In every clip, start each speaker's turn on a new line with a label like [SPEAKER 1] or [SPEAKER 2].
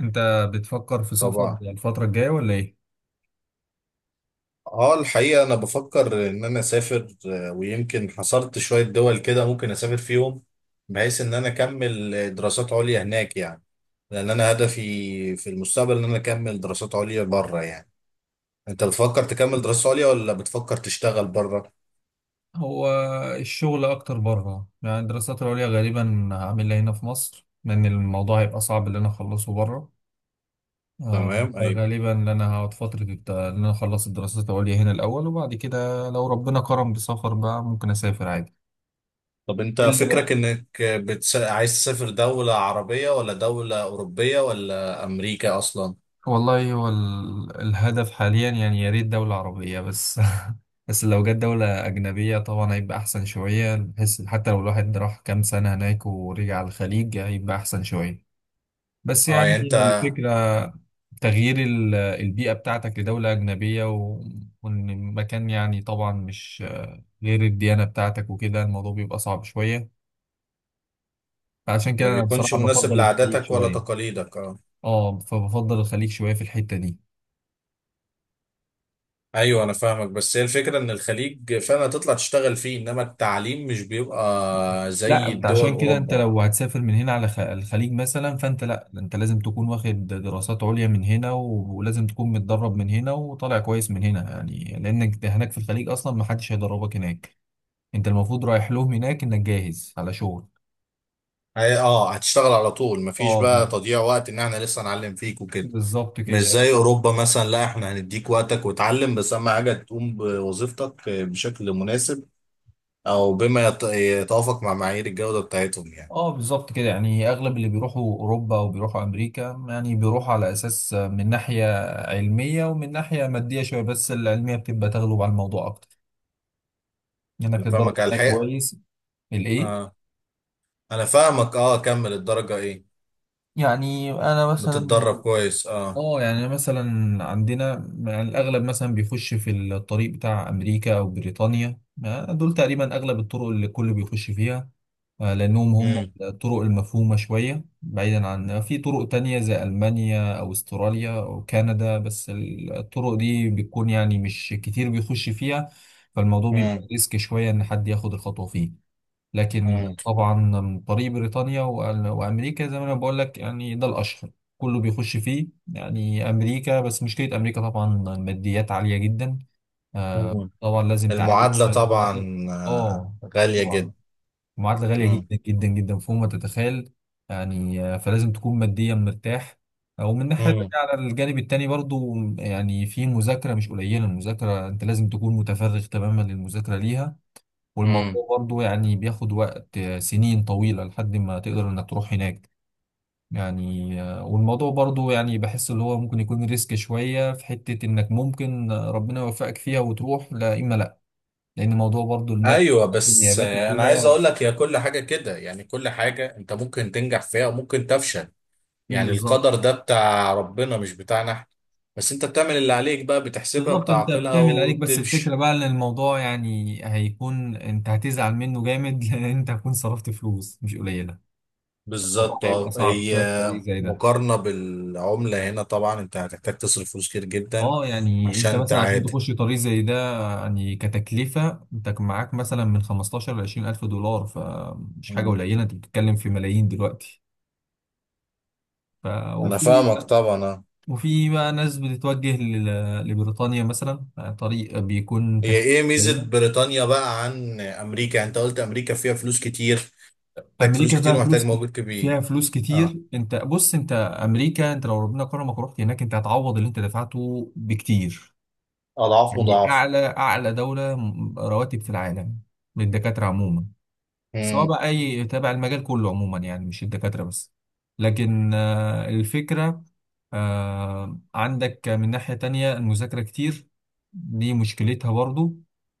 [SPEAKER 1] انت بتفكر في سفر
[SPEAKER 2] طبعا.
[SPEAKER 1] الفترة الجاية ولا ايه؟
[SPEAKER 2] اه الحقيقة أنا بفكر إن أنا أسافر، ويمكن حصرت شوية دول كده ممكن أسافر فيهم. بحيث إن أنا أكمل دراسات عليا هناك يعني. لأن أنا هدفي في المستقبل إن أنا أكمل دراسات عليا بره يعني. أنت بتفكر تكمل دراسات عليا ولا بتفكر تشتغل بره؟
[SPEAKER 1] هو الشغل اكتر بره، يعني الدراسات العليا غالبا هعملها هنا في مصر لان الموضوع هيبقى صعب ان انا اخلصه بره.
[SPEAKER 2] تمام، أيوة.
[SPEAKER 1] فغالبا ان انا هقعد فترة ان انا اخلص الدراسات العليا هنا الاول، وبعد كده لو ربنا كرم بسفر بقى ممكن اسافر عادي.
[SPEAKER 2] طب أنت
[SPEAKER 1] الا
[SPEAKER 2] فكرك
[SPEAKER 1] بقى،
[SPEAKER 2] إنك عايز تسافر دولة عربية ولا دولة أوروبية ولا أمريكا أصلا؟
[SPEAKER 1] والله هو الهدف حاليا يعني يا ريت دولة عربية بس بس لو جت دولة أجنبية طبعا هيبقى أحسن شوية، بحيث حتى لو الواحد راح كام سنة هناك ورجع الخليج هيبقى أحسن شوية. بس
[SPEAKER 2] اه،
[SPEAKER 1] يعني
[SPEAKER 2] يعني أنت،
[SPEAKER 1] الفكرة تغيير البيئة بتاعتك لدولة أجنبية وإن المكان، يعني طبعا مش غير الديانة بتاعتك وكده الموضوع بيبقى صعب شوية. فعشان كده
[SPEAKER 2] ما
[SPEAKER 1] أنا
[SPEAKER 2] بيكونش
[SPEAKER 1] بصراحة
[SPEAKER 2] مناسب
[SPEAKER 1] بفضل الخليج
[SPEAKER 2] لعاداتك ولا
[SPEAKER 1] شوية.
[SPEAKER 2] تقاليدك. اه.
[SPEAKER 1] اه، فبفضل الخليج شوية في الحتة دي.
[SPEAKER 2] ايوه، انا فاهمك. بس هي الفكره ان الخليج فعلا هتطلع تشتغل فيه، انما التعليم مش بيبقى
[SPEAKER 1] لا
[SPEAKER 2] زي
[SPEAKER 1] انت
[SPEAKER 2] الدول
[SPEAKER 1] عشان كده انت
[SPEAKER 2] اوروبا.
[SPEAKER 1] لو هتسافر من هنا على الخليج مثلا، فانت لا انت لازم تكون واخد دراسات عليا من هنا ولازم تكون متدرب من هنا وطالع كويس من هنا، يعني لانك ده هناك في الخليج اصلا ما حدش هيدربك هناك. انت المفروض رايح لهم هناك انك جاهز على شغل.
[SPEAKER 2] اه، هتشتغل على طول، مفيش
[SPEAKER 1] اه
[SPEAKER 2] بقى
[SPEAKER 1] بز-
[SPEAKER 2] تضييع وقت ان احنا لسه نعلم فيك وكده.
[SPEAKER 1] بالظبط
[SPEAKER 2] مش
[SPEAKER 1] كده،
[SPEAKER 2] زي اوروبا مثلا، لا احنا هنديك وقتك وتعلم، بس اهم حاجه تقوم بوظيفتك بشكل مناسب، او بما يتوافق مع معايير الجوده بتاعتهم يعني.
[SPEAKER 1] اه بالظبط كده. يعني اغلب اللي بيروحوا اوروبا او بيروحوا امريكا يعني بيروحوا على اساس من ناحية علمية ومن ناحية مادية شوية، بس العلمية بتبقى تغلب على الموضوع اكتر، انك
[SPEAKER 2] انا
[SPEAKER 1] تتدرب
[SPEAKER 2] فاهمك على
[SPEAKER 1] هناك
[SPEAKER 2] الحقيقه.
[SPEAKER 1] كويس. الايه؟
[SPEAKER 2] اه، انا فاهمك. اه، كمل. الدرجه ايه؟
[SPEAKER 1] يعني انا مثلا،
[SPEAKER 2] بتتدرب كويس؟ اه.
[SPEAKER 1] اه يعني مثلا عندنا، يعني الاغلب مثلا بيخش في الطريق بتاع امريكا او بريطانيا، ما دول تقريبا اغلب الطرق اللي الكل بيخش فيها. لانهم هم
[SPEAKER 2] امم.
[SPEAKER 1] الطرق المفهومة شوية، بعيدا عن في طرق تانية زي المانيا او استراليا او كندا، بس الطرق دي بتكون يعني مش كتير بيخش فيها. فالموضوع بيبقى ريسك شوية ان حد ياخد الخطوة فيه. لكن طبعا طريق بريطانيا وامريكا زي ما انا بقول لك يعني ده الاشهر، كله بيخش فيه. يعني امريكا، بس مشكله امريكا طبعا الماديات عاليه جدا. آه
[SPEAKER 2] امم.
[SPEAKER 1] طبعا لازم تعادل
[SPEAKER 2] المعادلة
[SPEAKER 1] الشهاده بتاعتك.
[SPEAKER 2] طبعا
[SPEAKER 1] اه
[SPEAKER 2] غالية
[SPEAKER 1] طبعا
[SPEAKER 2] جدا.
[SPEAKER 1] المعادله غاليه جدا
[SPEAKER 2] مم.
[SPEAKER 1] جدا جدا فوق ما تتخيل. يعني فلازم تكون ماديا مرتاح، ومن ناحية تانية
[SPEAKER 2] مم.
[SPEAKER 1] على الجانب التاني برضو، يعني في مذاكرة مش قليلة، المذاكرة انت لازم تكون متفرغ تماما للمذاكرة ليها.
[SPEAKER 2] مم.
[SPEAKER 1] والموضوع برضو يعني بياخد وقت، سنين طويلة لحد ما تقدر انك تروح هناك. يعني والموضوع برضو يعني بحس اللي هو ممكن يكون ريسك شوية، في حتة انك ممكن ربنا يوفقك فيها وتروح لا اما لا. لان موضوع برضو المتن،
[SPEAKER 2] ايوه، بس
[SPEAKER 1] النيابات
[SPEAKER 2] انا عايز
[SPEAKER 1] وكده.
[SPEAKER 2] اقول لك، هي كل حاجة كده يعني، كل حاجة انت ممكن تنجح فيها وممكن تفشل. يعني
[SPEAKER 1] بالظبط
[SPEAKER 2] القدر ده بتاع ربنا مش بتاعنا احنا. بس انت بتعمل اللي عليك بقى، بتحسبها
[SPEAKER 1] بالظبط. انت
[SPEAKER 2] بتعقلها
[SPEAKER 1] بتعمل عليك، بس
[SPEAKER 2] وبتمشي.
[SPEAKER 1] الفكرة بقى ان الموضوع يعني هيكون انت هتزعل منه جامد لان انت هتكون صرفت فلوس مش قليلة. الموضوع
[SPEAKER 2] بالظبط.
[SPEAKER 1] هيبقى صعب
[SPEAKER 2] هي
[SPEAKER 1] شوية في طريق زي ده.
[SPEAKER 2] مقارنة بالعملة هنا طبعا انت هتحتاج تصرف فلوس كتير جدا
[SPEAKER 1] اه يعني انت
[SPEAKER 2] عشان
[SPEAKER 1] مثلا عشان
[SPEAKER 2] تعادل.
[SPEAKER 1] تخش طريق زي ده يعني كتكلفة انت كان معاك مثلا من 15 ل 20 الف دولار، فمش حاجة
[SPEAKER 2] مم.
[SPEAKER 1] قليلة، انت بتتكلم في ملايين دلوقتي. ف...
[SPEAKER 2] انا
[SPEAKER 1] وفي
[SPEAKER 2] فاهمك طبعا
[SPEAKER 1] وفي بقى ناس بتتوجه لبريطانيا مثلا، طريق بيكون
[SPEAKER 2] هي
[SPEAKER 1] تكلفة
[SPEAKER 2] ايه ميزة
[SPEAKER 1] قليلة.
[SPEAKER 2] بريطانيا بقى عن امريكا؟ يعني انت قلت امريكا فيها فلوس كتير. محتاج فلوس
[SPEAKER 1] امريكا
[SPEAKER 2] كتير
[SPEAKER 1] فيها
[SPEAKER 2] ومحتاج
[SPEAKER 1] فلوس
[SPEAKER 2] موجود كبير.
[SPEAKER 1] فيها فلوس
[SPEAKER 2] اه،
[SPEAKER 1] كتير. انت بص، انت امريكا انت لو ربنا كرمك ورحت هناك انت هتعوض اللي انت دفعته بكتير.
[SPEAKER 2] اضعاف
[SPEAKER 1] يعني
[SPEAKER 2] مضاعف.
[SPEAKER 1] اعلى اعلى دولة رواتب في العالم للدكاترة عموما، سواء
[SPEAKER 2] امم.
[SPEAKER 1] بقى اي تابع، المجال كله عموما، يعني مش الدكاتره بس. لكن الفكره، عندك من ناحيه تانية المذاكره كتير، دي مشكلتها برضو،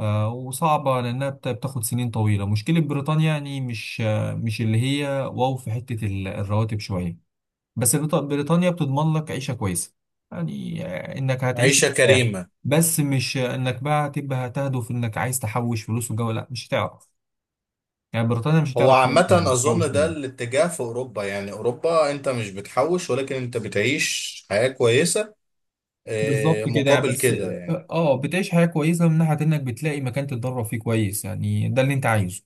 [SPEAKER 1] وصعبه لانها بتاخد سنين طويله. مشكله بريطانيا يعني مش مش اللي هي واو في حته الرواتب شويه. بس بريطانيا بتضمن لك عيشه كويسه. يعني انك هتعيش
[SPEAKER 2] عيشة
[SPEAKER 1] مرتاح.
[SPEAKER 2] كريمة.
[SPEAKER 1] بس مش انك بقى هتبقى هتهدف انك عايز تحوش فلوس وجو، لا مش هتعرف. يعني بريطانيا مش
[SPEAKER 2] هو
[SPEAKER 1] هتعرف
[SPEAKER 2] عامة
[SPEAKER 1] تحوش
[SPEAKER 2] اظن ده
[SPEAKER 1] فلوس.
[SPEAKER 2] الاتجاه في اوروبا يعني، اوروبا انت مش بتحوش ولكن انت بتعيش حياة كويسة،
[SPEAKER 1] بالظبط كده يعني،
[SPEAKER 2] مقابل
[SPEAKER 1] بس
[SPEAKER 2] كده يعني.
[SPEAKER 1] اه بتعيش حياة كويسة من ناحية انك بتلاقي مكان تتدرب فيه كويس، يعني ده اللي انت عايزه.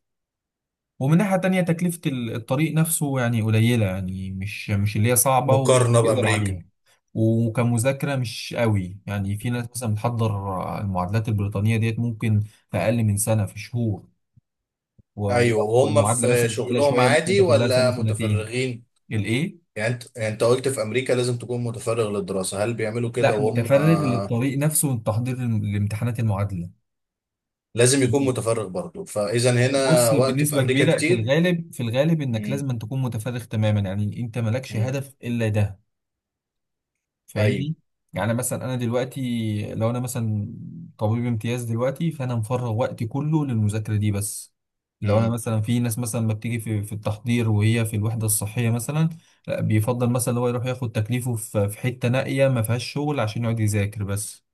[SPEAKER 1] ومن ناحية تانية تكلفة الطريق نفسه يعني قليلة، يعني مش اللي هي صعبة،
[SPEAKER 2] مقارنة
[SPEAKER 1] وتقدر
[SPEAKER 2] بامريكا.
[SPEAKER 1] عليها. وكمذاكرة مش قوي، يعني في ناس مثلا بتحضر المعادلات البريطانية ديت ممكن في أقل من سنة، في شهور.
[SPEAKER 2] ايوه،
[SPEAKER 1] ولو
[SPEAKER 2] وهم
[SPEAKER 1] المعادلة
[SPEAKER 2] في
[SPEAKER 1] مثلا تقيلة
[SPEAKER 2] شغلهم
[SPEAKER 1] شوية ممكن
[SPEAKER 2] عادي
[SPEAKER 1] تاخد لها سنة
[SPEAKER 2] ولا
[SPEAKER 1] سنتين.
[SPEAKER 2] متفرغين؟
[SPEAKER 1] الإيه؟
[SPEAKER 2] يعني انت قلت في امريكا لازم تكون متفرغ للدراسة، هل بيعملوا كده
[SPEAKER 1] لا
[SPEAKER 2] وهم؟
[SPEAKER 1] متفرغ للطريق نفسه والتحضير لامتحانات المعادلة.
[SPEAKER 2] لازم يكون متفرغ برضه، فاذا
[SPEAKER 1] بص
[SPEAKER 2] هنا وقت في
[SPEAKER 1] بنسبة
[SPEAKER 2] امريكا
[SPEAKER 1] كبيرة في
[SPEAKER 2] كتير.
[SPEAKER 1] الغالب، في الغالب انك
[SPEAKER 2] مم.
[SPEAKER 1] لازم أن تكون متفرغ تماما، يعني انت مالكش
[SPEAKER 2] مم.
[SPEAKER 1] هدف الا ده.
[SPEAKER 2] ايوه.
[SPEAKER 1] فاهمني؟ يعني مثلا انا دلوقتي لو انا مثلا طبيب امتياز دلوقتي، فانا مفرغ وقتي كله للمذاكرة دي بس. لو انا
[SPEAKER 2] مم.
[SPEAKER 1] مثلا، في ناس مثلا ما بتيجي في التحضير وهي في الوحدة الصحية مثلا، لا بيفضل مثلا هو يروح ياخد تكليفه في في حتة نائية ما فيهاش شغل عشان يقعد يذاكر بس.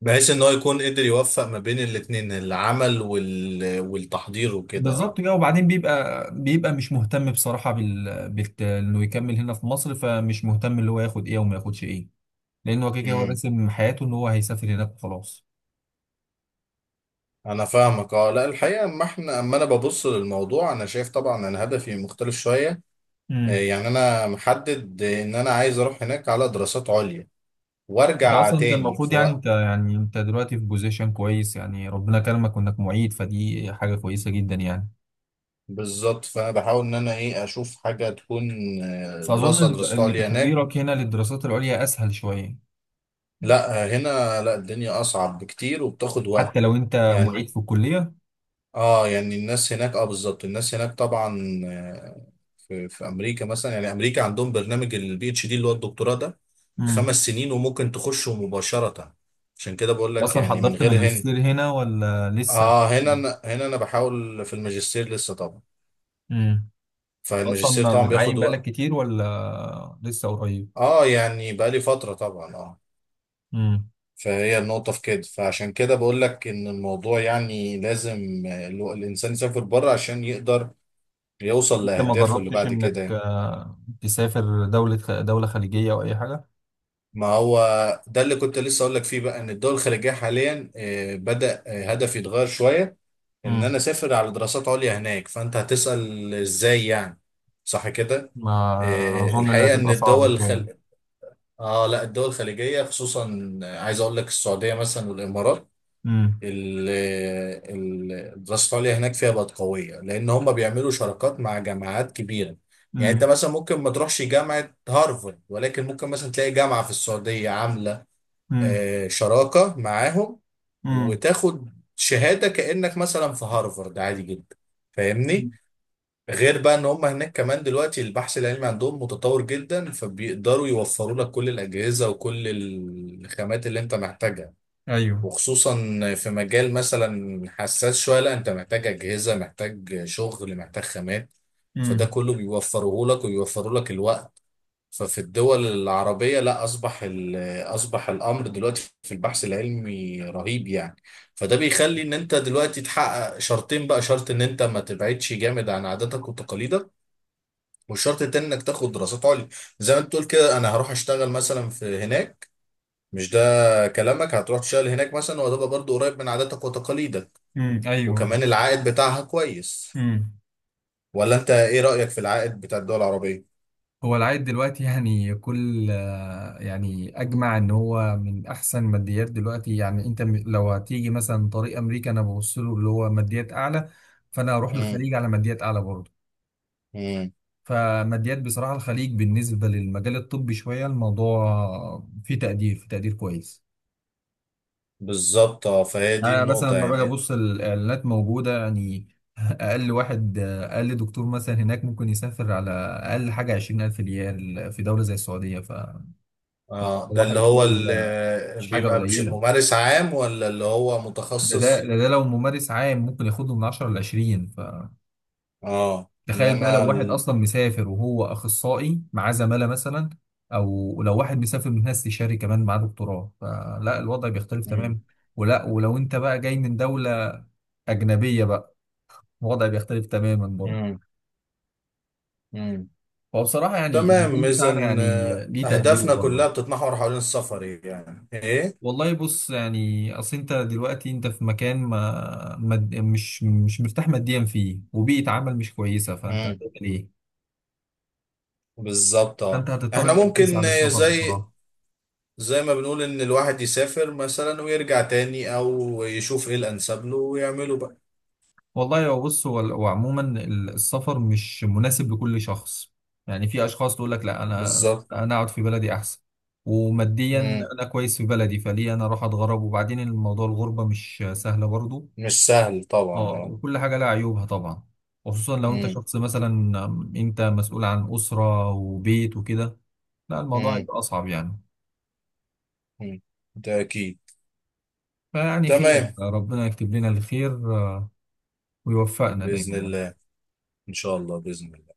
[SPEAKER 2] بحيث ان هو يكون قدر يوفق ما بين الاتنين، العمل والتحضير وكده.
[SPEAKER 1] بالظبط
[SPEAKER 2] اه.
[SPEAKER 1] كده. وبعدين بيبقى مش مهتم بصراحة، انه يكمل هنا في مصر، فمش مهتم اللي هو ياخد ايه وما ياخدش ايه، لان هو كده كده هو
[SPEAKER 2] مم.
[SPEAKER 1] راسم حياته ان هو هيسافر هناك وخلاص.
[SPEAKER 2] انا فاهمك. اه، لا الحقيقه، اما انا ببص للموضوع، انا شايف طبعا انا هدفي مختلف شويه.
[SPEAKER 1] امم.
[SPEAKER 2] يعني انا محدد ان انا عايز اروح هناك على دراسات عليا
[SPEAKER 1] انت
[SPEAKER 2] وارجع
[SPEAKER 1] اصلا انت
[SPEAKER 2] تاني
[SPEAKER 1] المفروض
[SPEAKER 2] في
[SPEAKER 1] يعني
[SPEAKER 2] وقت.
[SPEAKER 1] انت يعني انت دلوقتي في بوزيشن كويس، يعني ربنا كرمك وانك معيد، فدي حاجة كويسة جدا يعني.
[SPEAKER 2] بالظبط، فانا بحاول ان انا ايه اشوف حاجه تكون
[SPEAKER 1] فاظن
[SPEAKER 2] دراسات
[SPEAKER 1] ان إن
[SPEAKER 2] عليا هناك.
[SPEAKER 1] تحضيرك هنا للدراسات العليا اسهل شوية،
[SPEAKER 2] لا هنا، لا الدنيا اصعب بكتير وبتاخد وقت
[SPEAKER 1] حتى لو انت
[SPEAKER 2] يعني.
[SPEAKER 1] معيد في الكلية.
[SPEAKER 2] اه، يعني الناس هناك، اه بالظبط الناس هناك طبعا، في امريكا مثلا، يعني امريكا عندهم برنامج PhD اللي هو الدكتوراه ده
[SPEAKER 1] امم.
[SPEAKER 2] 5 سنين وممكن تخشه مباشرة. عشان كده بقول لك
[SPEAKER 1] اصلا
[SPEAKER 2] يعني، من
[SPEAKER 1] حضرت
[SPEAKER 2] غير هنا.
[SPEAKER 1] ماجستير هنا ولا لسه؟
[SPEAKER 2] اه هنا أنا هنا انا بحاول في الماجستير لسه طبعا.
[SPEAKER 1] اصلا
[SPEAKER 2] فالماجستير طبعا
[SPEAKER 1] متعين
[SPEAKER 2] بياخد
[SPEAKER 1] بقالك
[SPEAKER 2] وقت.
[SPEAKER 1] كتير ولا لسه قريب؟
[SPEAKER 2] اه، يعني بقالي فترة طبعا. اه.
[SPEAKER 1] امم.
[SPEAKER 2] فهي النقطة في كده، فعشان كده بقول لك إن الموضوع يعني لازم الإنسان يسافر بره عشان يقدر يوصل
[SPEAKER 1] انت ما
[SPEAKER 2] لأهدافه اللي
[SPEAKER 1] جربتش
[SPEAKER 2] بعد كده
[SPEAKER 1] انك
[SPEAKER 2] يعني.
[SPEAKER 1] تسافر دولة دولة خليجية او اي حاجة؟
[SPEAKER 2] ما هو ده اللي كنت لسه أقول لك فيه بقى، إن الدول الخليجية حاليا بدأ هدف يتغير شوية. إن
[SPEAKER 1] امم.
[SPEAKER 2] أنا أسافر على دراسات عليا هناك، فأنت هتسأل إزاي يعني، صح كده؟
[SPEAKER 1] ما اظن اللي
[SPEAKER 2] الحقيقة إن
[SPEAKER 1] هتبقى صعبة
[SPEAKER 2] الدول
[SPEAKER 1] شوية.
[SPEAKER 2] الخل... آه لا الدول الخليجية خصوصا، عايز أقول لك السعودية مثلا والإمارات.
[SPEAKER 1] امم.
[SPEAKER 2] ال- الدراسة العليا هناك فيها بقت قوية، لأن هم بيعملوا شراكات مع جامعات كبيرة. يعني أنت
[SPEAKER 1] امم.
[SPEAKER 2] مثلا ممكن ما تروحش جامعة هارفارد، ولكن ممكن مثلا تلاقي جامعة في السعودية عاملة
[SPEAKER 1] امم.
[SPEAKER 2] شراكة معاهم، وتاخد شهادة كأنك مثلا في هارفارد عادي جدا. فاهمني؟
[SPEAKER 1] امم.
[SPEAKER 2] غير بقى ان هم هناك كمان دلوقتي البحث العلمي عندهم متطور جدا، فبيقدروا يوفروا لك كل الأجهزة وكل الخامات اللي انت محتاجها.
[SPEAKER 1] ايوه.
[SPEAKER 2] وخصوصا في مجال مثلا حساس شوية، لا انت محتاج أجهزة، محتاج شغل، محتاج خامات. فده
[SPEAKER 1] امم.
[SPEAKER 2] كله بيوفره لك، ويوفروا لك الوقت. ففي الدول العربية، لا أصبح أصبح الأمر دلوقتي في البحث العلمي رهيب يعني. فده بيخلي إن أنت دلوقتي تحقق شرطين بقى، شرط إن أنت ما تبعدش جامد عن عاداتك وتقاليدك. والشرط التاني إنك تاخد دراسات عليا. زي ما أنت تقول كده أنا هروح أشتغل مثلا في هناك، مش ده كلامك؟ هتروح تشتغل هناك مثلا وهتبقى برضو قريب من عاداتك وتقاليدك.
[SPEAKER 1] امم. ايوه.
[SPEAKER 2] وكمان العائد بتاعها كويس.
[SPEAKER 1] امم.
[SPEAKER 2] ولا انت ايه رأيك في العائد بتاع الدول العربية؟
[SPEAKER 1] هو العائد دلوقتي يعني كل، يعني اجمع ان هو من احسن ماديات دلوقتي، يعني انت لو هتيجي مثلا طريق امريكا انا ببص له اللي هو ماديات اعلى، فانا هروح
[SPEAKER 2] امم.
[SPEAKER 1] للخليج على ماديات اعلى برضه.
[SPEAKER 2] امم.
[SPEAKER 1] فماديات بصراحة الخليج بالنسبة للمجال الطبي شوية، الموضوع فيه تقدير، فيه تقدير كويس.
[SPEAKER 2] بالظبط اه، فهي دي
[SPEAKER 1] انا مثلا
[SPEAKER 2] النقطة
[SPEAKER 1] لما باجي
[SPEAKER 2] يعني.
[SPEAKER 1] ابص الاعلانات موجودة يعني اقل واحد، اقل دكتور مثلا هناك ممكن يسافر على اقل حاجة 20000 ريال في دولة زي السعودية. ف
[SPEAKER 2] اه، ده
[SPEAKER 1] صباحك.
[SPEAKER 2] اللي هو اللي
[SPEAKER 1] مش حاجة
[SPEAKER 2] بيبقى
[SPEAKER 1] قليلة.
[SPEAKER 2] ممارس عام ولا اللي هو
[SPEAKER 1] ده ده
[SPEAKER 2] متخصص؟
[SPEAKER 1] ده ده لو ممارس عام ممكن ياخده من 10 ل 20، فتخيل
[SPEAKER 2] اه،
[SPEAKER 1] بقى
[SPEAKER 2] انما
[SPEAKER 1] لو واحد أصلا مسافر وهو أخصائي معاه زمالة مثلا، أو لو واحد مسافر من هنا استشاري كمان معاه دكتوراه، فلا الوضع بيختلف
[SPEAKER 2] مم.
[SPEAKER 1] تماما. ولا ولو أنت بقى جاي من دولة أجنبية بقى الوضع بيختلف تماما برضه.
[SPEAKER 2] مم. مم.
[SPEAKER 1] فبصراحة يعني المجال
[SPEAKER 2] تمام، اذا
[SPEAKER 1] بتاعنا يعني ليه تقديره
[SPEAKER 2] اهدافنا
[SPEAKER 1] برضه.
[SPEAKER 2] كلها بتتمحور حوالين السفر، يعني ايه؟
[SPEAKER 1] والله بص، يعني اصل انت دلوقتي انت في مكان ما مش مش مرتاح ماديا فيه، وبيئة عمل مش كويسة، فانت هتعمل ايه؟
[SPEAKER 2] بالظبط اه،
[SPEAKER 1] فانت هتضطر
[SPEAKER 2] احنا
[SPEAKER 1] انك تسعى
[SPEAKER 2] ممكن
[SPEAKER 1] للسفر
[SPEAKER 2] زي
[SPEAKER 1] بصراحة.
[SPEAKER 2] زي ما بنقول ان الواحد يسافر مثلا ويرجع تاني، او يشوف ايه الانسب له ويعمله بقى.
[SPEAKER 1] والله هو بص، هو وعموما السفر مش مناسب لكل شخص. يعني في اشخاص تقول لك لا انا،
[SPEAKER 2] بالظبط.
[SPEAKER 1] انا اقعد في بلدي احسن. وماديا
[SPEAKER 2] مم.
[SPEAKER 1] انا كويس في بلدي، فليه انا اروح اتغرب؟ وبعدين الموضوع الغربة مش سهلة برضو.
[SPEAKER 2] مش سهل طبعا.
[SPEAKER 1] اه،
[SPEAKER 2] اه.
[SPEAKER 1] وكل حاجة لها عيوبها طبعا. وخصوصا لو انت
[SPEAKER 2] مم.
[SPEAKER 1] شخص مثلا انت مسؤول عن أسرة وبيت وكده، لا الموضوع
[SPEAKER 2] مم.
[SPEAKER 1] يبقى أصعب يعني.
[SPEAKER 2] مم. ده اكيد.
[SPEAKER 1] فيعني خير،
[SPEAKER 2] تمام.
[SPEAKER 1] ربنا يكتب لنا الخير ويوفقنا دايما
[SPEAKER 2] بإذن
[SPEAKER 1] يعني.
[SPEAKER 2] الله. ان شاء الله، بإذن الله.